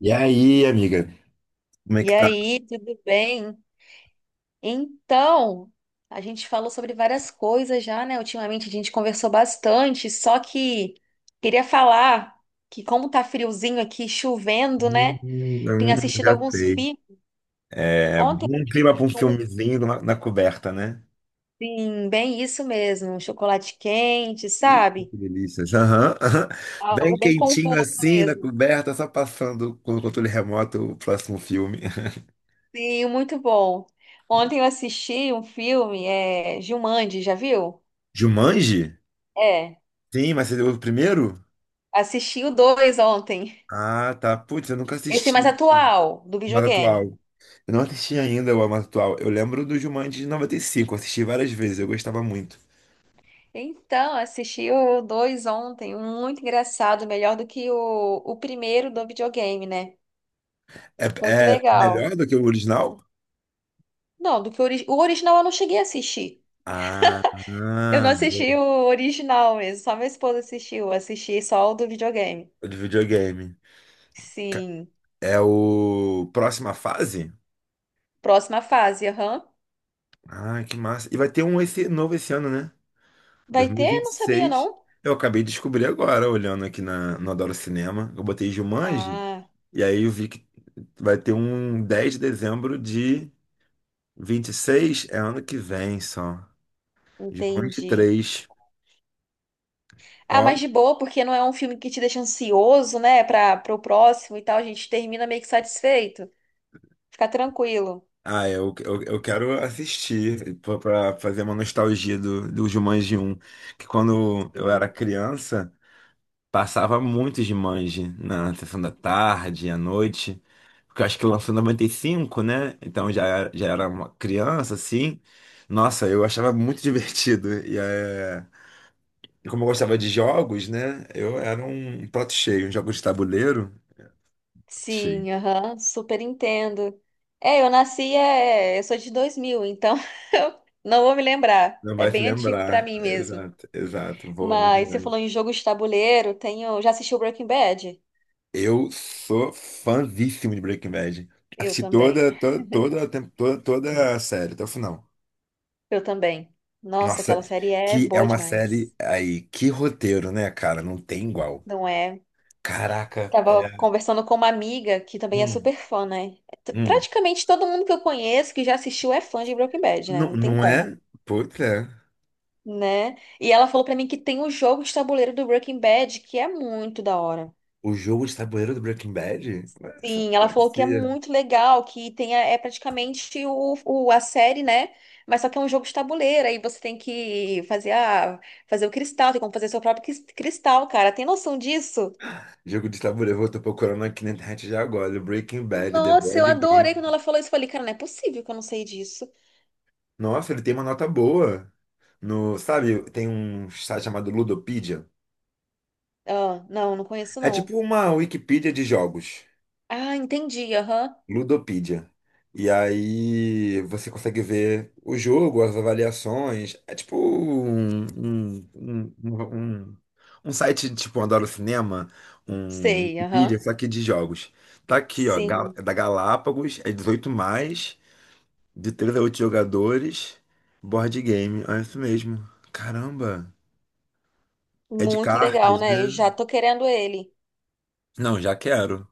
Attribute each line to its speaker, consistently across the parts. Speaker 1: E aí, amiga? Como é
Speaker 2: E
Speaker 1: que tá?
Speaker 2: aí, tudo bem? Então, a gente falou sobre várias coisas já, né? Ultimamente a gente conversou bastante, só que queria falar que como tá friozinho aqui, chovendo,
Speaker 1: Hum,
Speaker 2: né? Tenho
Speaker 1: hum,
Speaker 2: assistido
Speaker 1: já
Speaker 2: alguns
Speaker 1: sei.
Speaker 2: filmes.
Speaker 1: É,
Speaker 2: Ontem,
Speaker 1: um clima pra um filmezinho na coberta, né?
Speaker 2: sim, bem isso mesmo, um chocolate quente,
Speaker 1: Ih,
Speaker 2: sabe?
Speaker 1: que delícia. Aham, aham. Bem
Speaker 2: Algo bem
Speaker 1: quentinho
Speaker 2: conforto
Speaker 1: assim, na
Speaker 2: mesmo.
Speaker 1: coberta, só passando com o controle remoto o próximo filme.
Speaker 2: Sim, muito bom. Ontem eu assisti um filme, é Jumanji, já viu?
Speaker 1: Jumanji?
Speaker 2: É,
Speaker 1: Sim, mas você deu o primeiro?
Speaker 2: assisti o dois ontem.
Speaker 1: Ah, tá. Putz, eu nunca
Speaker 2: Esse
Speaker 1: assisti
Speaker 2: mais atual, do
Speaker 1: mais atual.
Speaker 2: videogame.
Speaker 1: Eu não assisti ainda o mais atual. Eu lembro do Jumanji de 95, eu assisti várias vezes, eu gostava muito.
Speaker 2: Assisti o dois ontem, um muito engraçado, melhor do que o primeiro do videogame, né?
Speaker 1: É,
Speaker 2: Muito
Speaker 1: é
Speaker 2: legal.
Speaker 1: melhor do que o original?
Speaker 2: Não, do que o original eu não cheguei a assistir.
Speaker 1: Ah,
Speaker 2: Eu não
Speaker 1: ah,
Speaker 2: assisti
Speaker 1: boa.
Speaker 2: o original mesmo, só minha esposa assistiu, eu assisti só o do videogame.
Speaker 1: O de videogame. Ca-
Speaker 2: Sim,
Speaker 1: É o próxima fase?
Speaker 2: próxima fase, aham.
Speaker 1: Ah, que massa. E vai ter um esse, novo esse ano, né?
Speaker 2: Vai ter? Não sabia,
Speaker 1: 2026.
Speaker 2: não.
Speaker 1: Eu acabei de descobrir agora, olhando aqui no Adoro Cinema. Eu botei Jumanji,
Speaker 2: Ah,
Speaker 1: e aí eu vi que vai ter um 10 de dezembro de 26, é ano que vem só. Jumanji
Speaker 2: entendi.
Speaker 1: três.
Speaker 2: Ah,
Speaker 1: Ó,
Speaker 2: mas de boa, porque não é um filme que te deixa ansioso, né, para o próximo e tal, a gente termina meio que satisfeito. Fica tranquilo.
Speaker 1: ah, eu quero assistir pra fazer uma nostalgia do Jumanji um. Que quando eu era
Speaker 2: Sim,
Speaker 1: criança, passava muito Jumanji na sessão da tarde, à noite. Porque eu acho que lançou em 95, né? Então já, já era uma criança, assim. Nossa, eu achava muito divertido. E é, e como eu gostava de jogos, né? Eu era um prato cheio, um jogo de tabuleiro. Prato cheio.
Speaker 2: sim, aham, super entendo. É, eu nasci, eu sou de 2000, então eu não vou me lembrar.
Speaker 1: Não
Speaker 2: É
Speaker 1: vai se
Speaker 2: bem antigo pra
Speaker 1: lembrar.
Speaker 2: mim mesmo.
Speaker 1: Exato, exato. Vou muito.
Speaker 2: Mas você falou em jogo de tabuleiro, tenho, já assistiu Breaking Bad?
Speaker 1: Eu sou fãzíssimo de Breaking Bad.
Speaker 2: Eu
Speaker 1: Assisti
Speaker 2: também.
Speaker 1: toda a série, até o final.
Speaker 2: Eu também. Nossa,
Speaker 1: Nossa,
Speaker 2: aquela série é
Speaker 1: que é
Speaker 2: boa
Speaker 1: uma série
Speaker 2: demais.
Speaker 1: aí, que roteiro, né, cara? Não tem igual.
Speaker 2: Não é?
Speaker 1: Caraca,
Speaker 2: Tava
Speaker 1: é.
Speaker 2: conversando com uma amiga que também é
Speaker 1: Hum,
Speaker 2: super fã, né?
Speaker 1: hum.
Speaker 2: Praticamente todo mundo que eu conheço que já assistiu é fã de Breaking Bad, né?
Speaker 1: Não,
Speaker 2: Não tem
Speaker 1: não
Speaker 2: como.
Speaker 1: é? Putz, é.
Speaker 2: Né? E ela falou pra mim que tem o jogo de tabuleiro do Breaking Bad, que é muito da hora.
Speaker 1: O jogo de tabuleiro do Breaking Bad? Ué, só
Speaker 2: Sim, ela falou que é
Speaker 1: conhecia.
Speaker 2: muito legal, que tem é praticamente a série, né? Mas só que é um jogo de tabuleiro, aí você tem que fazer fazer o cristal, tem como fazer seu próprio cristal, cara. Tem noção disso?
Speaker 1: Jogo de tabuleiro, eu tô procurando aqui na internet já agora. Breaking Bad, The
Speaker 2: Nossa, eu
Speaker 1: Board
Speaker 2: adorei
Speaker 1: Game.
Speaker 2: quando ela falou isso. Eu falei, cara, não é possível que eu não sei disso.
Speaker 1: Nossa, ele tem uma nota boa. No, sabe, tem um site chamado Ludopedia.
Speaker 2: Ah, não, não conheço,
Speaker 1: É
Speaker 2: não.
Speaker 1: tipo uma Wikipedia de jogos,
Speaker 2: Ah, entendi, aham.
Speaker 1: Ludopedia. E aí você consegue ver o jogo, as avaliações. É tipo um site tipo Adoro Cinema, um
Speaker 2: Sei,
Speaker 1: Wikipedia,
Speaker 2: aham.
Speaker 1: só que de jogos. Tá aqui, ó,
Speaker 2: Sim,
Speaker 1: é da Galápagos, é 18+, de 3 a 8 jogadores, board game. É isso mesmo. Caramba. É de
Speaker 2: muito legal,
Speaker 1: cartas, né?
Speaker 2: né? Eu já tô querendo ele.
Speaker 1: Não, já quero.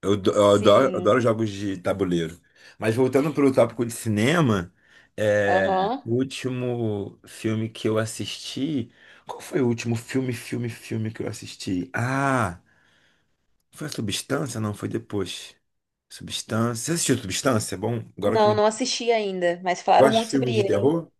Speaker 1: Eu adoro,
Speaker 2: Sim.
Speaker 1: adoro jogos de tabuleiro. Mas voltando para o tópico de cinema, é,
Speaker 2: Aham.
Speaker 1: o último filme que eu assisti. Qual foi o último filme que eu assisti? Ah, foi a Substância? Não, foi depois. Substância. Você assistiu Substância? É bom, agora que eu
Speaker 2: Não,
Speaker 1: me.
Speaker 2: não assisti ainda, mas falaram
Speaker 1: Gosta de
Speaker 2: muito sobre
Speaker 1: filmes de
Speaker 2: ele, hein?
Speaker 1: terror?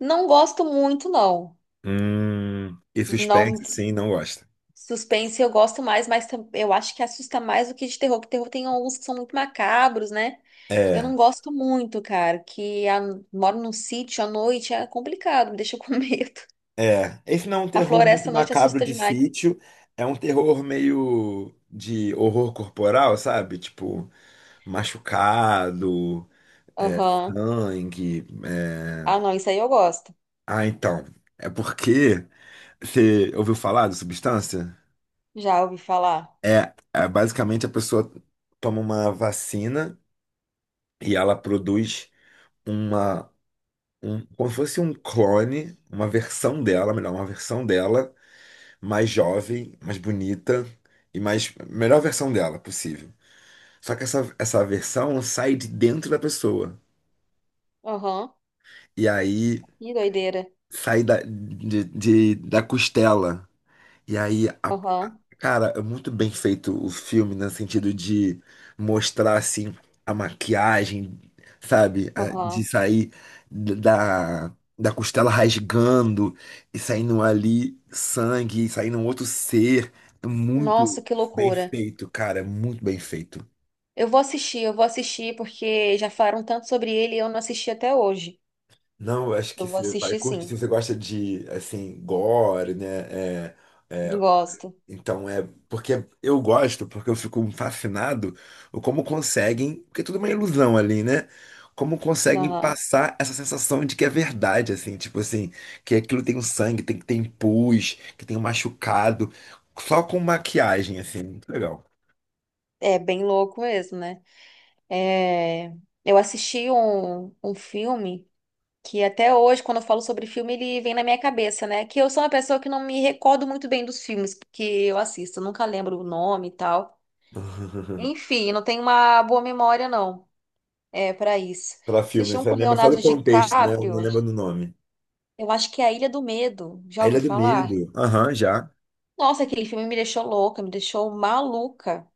Speaker 2: Não gosto muito, não.
Speaker 1: E
Speaker 2: Não,
Speaker 1: suspense, sim, não gosta.
Speaker 2: suspense eu gosto mais, mas eu acho que assusta mais do que de terror, que terror tem alguns que são muito macabros, né? Eu
Speaker 1: É.
Speaker 2: não gosto muito, cara, que moro num sítio à noite, é complicado, me deixa com medo.
Speaker 1: É, esse não é um
Speaker 2: A
Speaker 1: terror muito
Speaker 2: floresta à noite
Speaker 1: macabro
Speaker 2: assusta
Speaker 1: de
Speaker 2: demais.
Speaker 1: sítio, é um terror meio de horror corporal, sabe? Tipo, machucado, é,
Speaker 2: Aham.
Speaker 1: sangue. É.
Speaker 2: Ah, não, isso aí eu gosto.
Speaker 1: Ah, então, é porque você ouviu falar de substância?
Speaker 2: Já ouvi falar.
Speaker 1: É, basicamente a pessoa toma uma vacina e ela produz uma, um, como se fosse um clone, uma versão dela, melhor, uma versão dela mais jovem, mais bonita e mais melhor versão dela possível. Só que essa versão sai de dentro da pessoa.
Speaker 2: Aham.
Speaker 1: E aí
Speaker 2: Que doideira.
Speaker 1: sai da costela. E aí,
Speaker 2: Aham.
Speaker 1: cara, é muito bem feito o filme, né, no sentido de mostrar, assim, a maquiagem, sabe? De
Speaker 2: Aham.
Speaker 1: sair d- da, da costela rasgando e saindo ali sangue, e saindo um outro ser. É muito
Speaker 2: Nossa, que
Speaker 1: bem
Speaker 2: loucura.
Speaker 1: feito, cara, é muito bem feito.
Speaker 2: Eu vou assistir porque já falaram tanto sobre ele e eu não assisti até hoje.
Speaker 1: Não, eu acho que
Speaker 2: Eu vou
Speaker 1: você vai
Speaker 2: assistir
Speaker 1: curtir, se
Speaker 2: sim.
Speaker 1: você gosta de, assim, gore, né? É,
Speaker 2: Gosto.
Speaker 1: Então é porque eu gosto, porque eu fico fascinado o como conseguem, porque tudo é uma ilusão ali, né? Como conseguem
Speaker 2: Aham.
Speaker 1: passar essa sensação de que é verdade, assim, tipo assim, que aquilo tem um sangue, tem que tem pus, que tem um machucado, só com maquiagem, assim, muito legal.
Speaker 2: É bem louco mesmo, né? É, eu assisti um filme que até hoje, quando eu falo sobre filme, ele vem na minha cabeça, né? Que eu sou uma pessoa que não me recordo muito bem dos filmes que eu assisto, eu nunca lembro o nome e tal. Enfim, não tenho uma boa memória, não. É, para isso.
Speaker 1: Pela
Speaker 2: Assisti
Speaker 1: filme,
Speaker 2: um
Speaker 1: você
Speaker 2: com
Speaker 1: lembra só do
Speaker 2: Leonardo
Speaker 1: contexto, né?
Speaker 2: DiCaprio.
Speaker 1: Não lembra do nome.
Speaker 2: Eu acho que é A Ilha do Medo. Já
Speaker 1: A
Speaker 2: ouviu
Speaker 1: Ilha do
Speaker 2: falar?
Speaker 1: Medo. Aham, já.
Speaker 2: Nossa, aquele filme me deixou louca, me deixou maluca,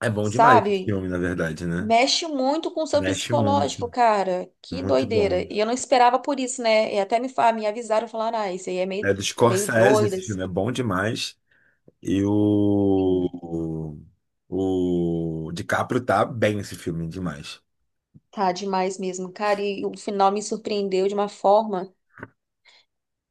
Speaker 1: É bom demais esse filme,
Speaker 2: sabe?
Speaker 1: na verdade, né?
Speaker 2: Mexe muito com o seu
Speaker 1: Mexe muito,
Speaker 2: psicológico, cara. Que
Speaker 1: muito
Speaker 2: doideira.
Speaker 1: bom.
Speaker 2: E eu não esperava por isso, né? E até me, me avisaram, falaram, ah, isso aí é
Speaker 1: É
Speaker 2: meio,
Speaker 1: do
Speaker 2: meio
Speaker 1: Scorsese,
Speaker 2: doido,
Speaker 1: esse
Speaker 2: assim.
Speaker 1: filme é bom demais. E o DiCaprio tá bem nesse filme demais.
Speaker 2: Tá demais mesmo, cara. E o final me surpreendeu de uma forma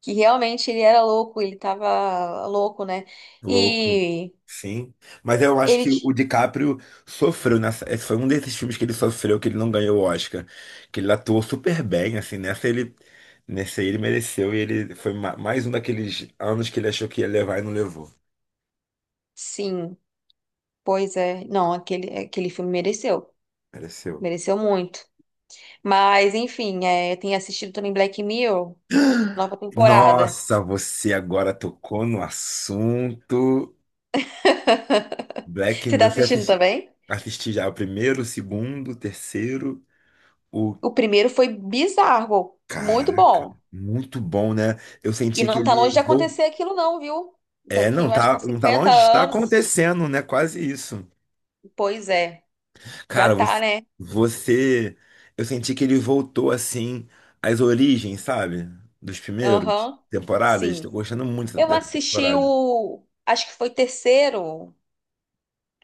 Speaker 2: que realmente ele era louco, ele tava louco, né?
Speaker 1: Louco.
Speaker 2: E
Speaker 1: Sim. Mas eu acho
Speaker 2: ele,
Speaker 1: que o
Speaker 2: ti-
Speaker 1: DiCaprio sofreu nessa. Esse foi um desses filmes que ele sofreu que ele não ganhou o Oscar. Que ele atuou super bem, assim. Nessa ele mereceu. E ele foi mais um daqueles anos que ele achou que ia levar e não levou.
Speaker 2: sim, pois é. Não, aquele filme mereceu.
Speaker 1: Mereceu.
Speaker 2: Mereceu muito. Mas, enfim, é, tenho assistido também Black Mirror, nova temporada.
Speaker 1: Nossa, você agora tocou no assunto. Black
Speaker 2: Você tá
Speaker 1: Mirror, eu
Speaker 2: assistindo
Speaker 1: assisti,
Speaker 2: também?
Speaker 1: assisti já o primeiro, o segundo, o terceiro, o
Speaker 2: O primeiro foi bizarro,
Speaker 1: cara,
Speaker 2: muito bom.
Speaker 1: muito bom, né? Eu
Speaker 2: E
Speaker 1: senti que
Speaker 2: não tá
Speaker 1: ele
Speaker 2: longe de acontecer aquilo não, viu? Daqui,
Speaker 1: não
Speaker 2: eu acho que
Speaker 1: tá,
Speaker 2: uns
Speaker 1: não tá
Speaker 2: 50
Speaker 1: longe, está
Speaker 2: anos.
Speaker 1: acontecendo, né? Quase isso.
Speaker 2: Pois é, já
Speaker 1: Cara,
Speaker 2: tá, né?
Speaker 1: você- eu senti que ele voltou assim às origens, sabe? Dos primeiros
Speaker 2: Aham,
Speaker 1: temporadas. Tô
Speaker 2: sim.
Speaker 1: gostando muito
Speaker 2: Eu
Speaker 1: dessa
Speaker 2: assisti
Speaker 1: temporada.
Speaker 2: o, acho que foi o terceiro,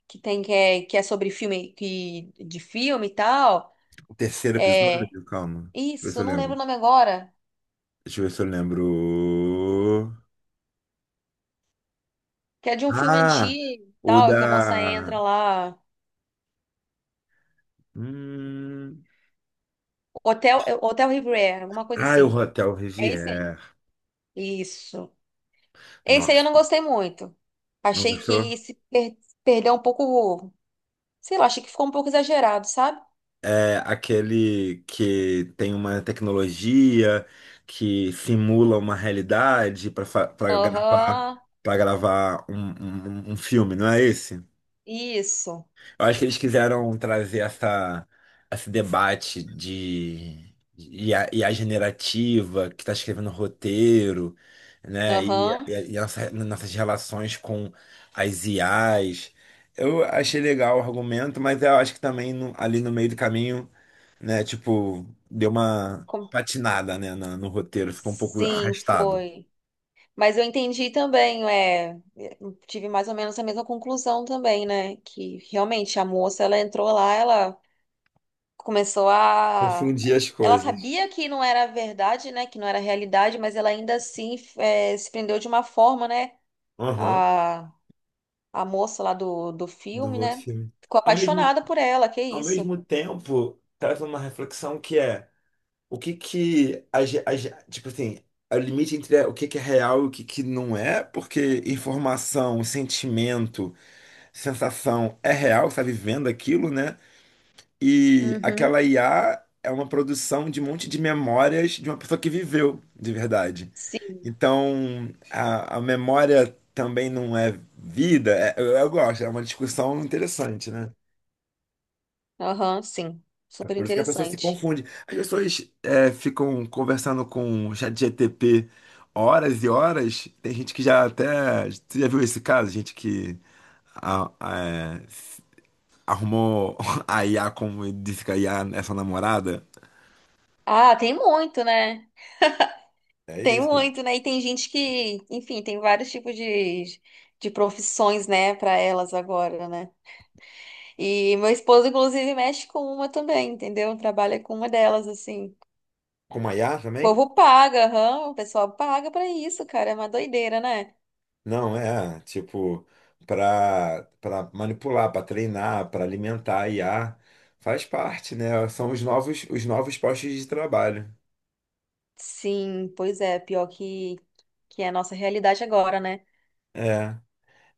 Speaker 2: que tem que é sobre filme, que, de filme e tal.
Speaker 1: O terceiro
Speaker 2: É,
Speaker 1: episódio, calma. Deixa eu ver
Speaker 2: isso,
Speaker 1: se eu
Speaker 2: eu não lembro
Speaker 1: lembro.
Speaker 2: o nome agora.
Speaker 1: Deixa eu ver se eu lembro.
Speaker 2: Que é de um filme
Speaker 1: Ah,
Speaker 2: antigo e
Speaker 1: o
Speaker 2: tal,
Speaker 1: da.
Speaker 2: que a moça entra lá.
Speaker 1: Hum.
Speaker 2: Hotel, é, Hotel Riviera, alguma coisa
Speaker 1: Ah, o
Speaker 2: assim.
Speaker 1: Hotel
Speaker 2: É esse aí.
Speaker 1: Riviera.
Speaker 2: Isso. Esse aí eu não
Speaker 1: Nossa,
Speaker 2: gostei muito.
Speaker 1: não
Speaker 2: Achei que
Speaker 1: gostou?
Speaker 2: se perdeu um pouco. Sei lá, achei que ficou um pouco exagerado, sabe?
Speaker 1: É aquele que tem uma tecnologia que simula uma realidade para gravar,
Speaker 2: Aham.
Speaker 1: um filme, não é esse?
Speaker 2: Isso.
Speaker 1: Eu acho que eles quiseram trazer esse debate de e a generativa que está escrevendo roteiro, né? E,
Speaker 2: Aham.
Speaker 1: e, e nossas relações com as IAs. Eu achei legal o argumento, mas eu acho que também ali no meio do caminho, né? Tipo, deu uma
Speaker 2: Com-
Speaker 1: patinada, né? No roteiro, ficou um pouco
Speaker 2: Sim,
Speaker 1: arrastado.
Speaker 2: foi. Mas eu entendi também, é, eu tive mais ou menos a mesma conclusão também, né? Que realmente a moça, ela entrou lá, ela começou a.
Speaker 1: Confundi as
Speaker 2: Ela
Speaker 1: coisas.
Speaker 2: sabia que não era verdade, né? Que não era realidade, mas ela ainda assim eh, se prendeu de uma forma, né?
Speaker 1: Aham,
Speaker 2: A, a moça lá do
Speaker 1: do
Speaker 2: filme,
Speaker 1: outro
Speaker 2: né?
Speaker 1: filme.
Speaker 2: Ficou
Speaker 1: Ao mesmo
Speaker 2: apaixonada por ela, que
Speaker 1: ao
Speaker 2: isso.
Speaker 1: mesmo tempo, traz uma reflexão que é o que que tipo assim, é o limite entre o que que é real e o que que não é, porque informação, sentimento, sensação é real, você tá vivendo aquilo, né? E
Speaker 2: Uhum.
Speaker 1: aquela IA é uma produção de um monte de memórias de uma pessoa que viveu de verdade.
Speaker 2: Sim.
Speaker 1: Então, a memória também não é vida. Eu gosto, é uma discussão interessante, né?
Speaker 2: Aham, sim. Super
Speaker 1: Por isso que a pessoa se
Speaker 2: interessante.
Speaker 1: confunde. As pessoas ficam conversando com o ChatGPT horas e horas. Tem gente que já até. Você já viu esse caso? Gente que a- a- é, arrumou a IA como disse que a IA é sua namorada.
Speaker 2: Ah, tem muito, né?
Speaker 1: É
Speaker 2: Tem
Speaker 1: isso.
Speaker 2: muito, né? E tem gente que, enfim, tem vários tipos de profissões, né, para elas agora, né? E meu esposo, inclusive, mexe com uma também, entendeu? Trabalha com uma delas, assim.
Speaker 1: Com a IA
Speaker 2: O
Speaker 1: também?
Speaker 2: povo paga, aham, o pessoal paga pra isso, cara. É uma doideira, né?
Speaker 1: Não, é. Tipo, para manipular, para treinar, para alimentar a IA. Faz parte, né? São os novos postos de trabalho.
Speaker 2: Sim, pois é. Pior que é a nossa realidade agora, né?
Speaker 1: É.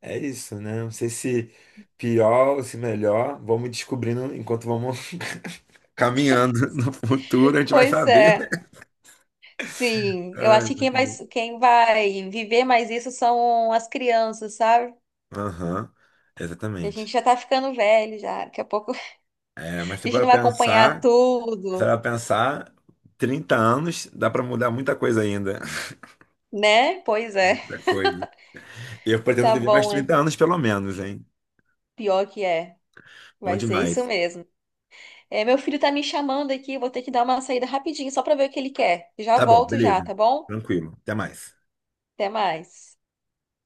Speaker 1: É isso, né? Não sei se pior ou se melhor. Vamos descobrindo enquanto vamos caminhando no futuro, a gente vai
Speaker 2: Pois
Speaker 1: saber.
Speaker 2: é. Sim, eu
Speaker 1: Ai,
Speaker 2: acho que quem vai viver mais isso são as crianças, sabe?
Speaker 1: aham,
Speaker 2: Que a gente
Speaker 1: exatamente.
Speaker 2: já tá ficando velho já. Daqui a pouco a
Speaker 1: É, mas se
Speaker 2: gente
Speaker 1: for
Speaker 2: não vai
Speaker 1: pensar,
Speaker 2: acompanhar
Speaker 1: se
Speaker 2: tudo,
Speaker 1: for pensar, 30 anos dá para mudar muita coisa ainda.
Speaker 2: né? Pois é.
Speaker 1: Muita coisa. Eu pretendo
Speaker 2: Tá
Speaker 1: viver mais
Speaker 2: bom, é.
Speaker 1: 30 anos, pelo menos, hein?
Speaker 2: Pior que é.
Speaker 1: Bom
Speaker 2: Vai ser isso
Speaker 1: demais.
Speaker 2: mesmo. É, meu filho tá me chamando aqui, eu vou ter que dar uma saída rapidinho só pra ver o que ele quer. Já
Speaker 1: Tá bom,
Speaker 2: volto já,
Speaker 1: beleza.
Speaker 2: tá bom?
Speaker 1: Tranquilo. Até mais.
Speaker 2: Até mais.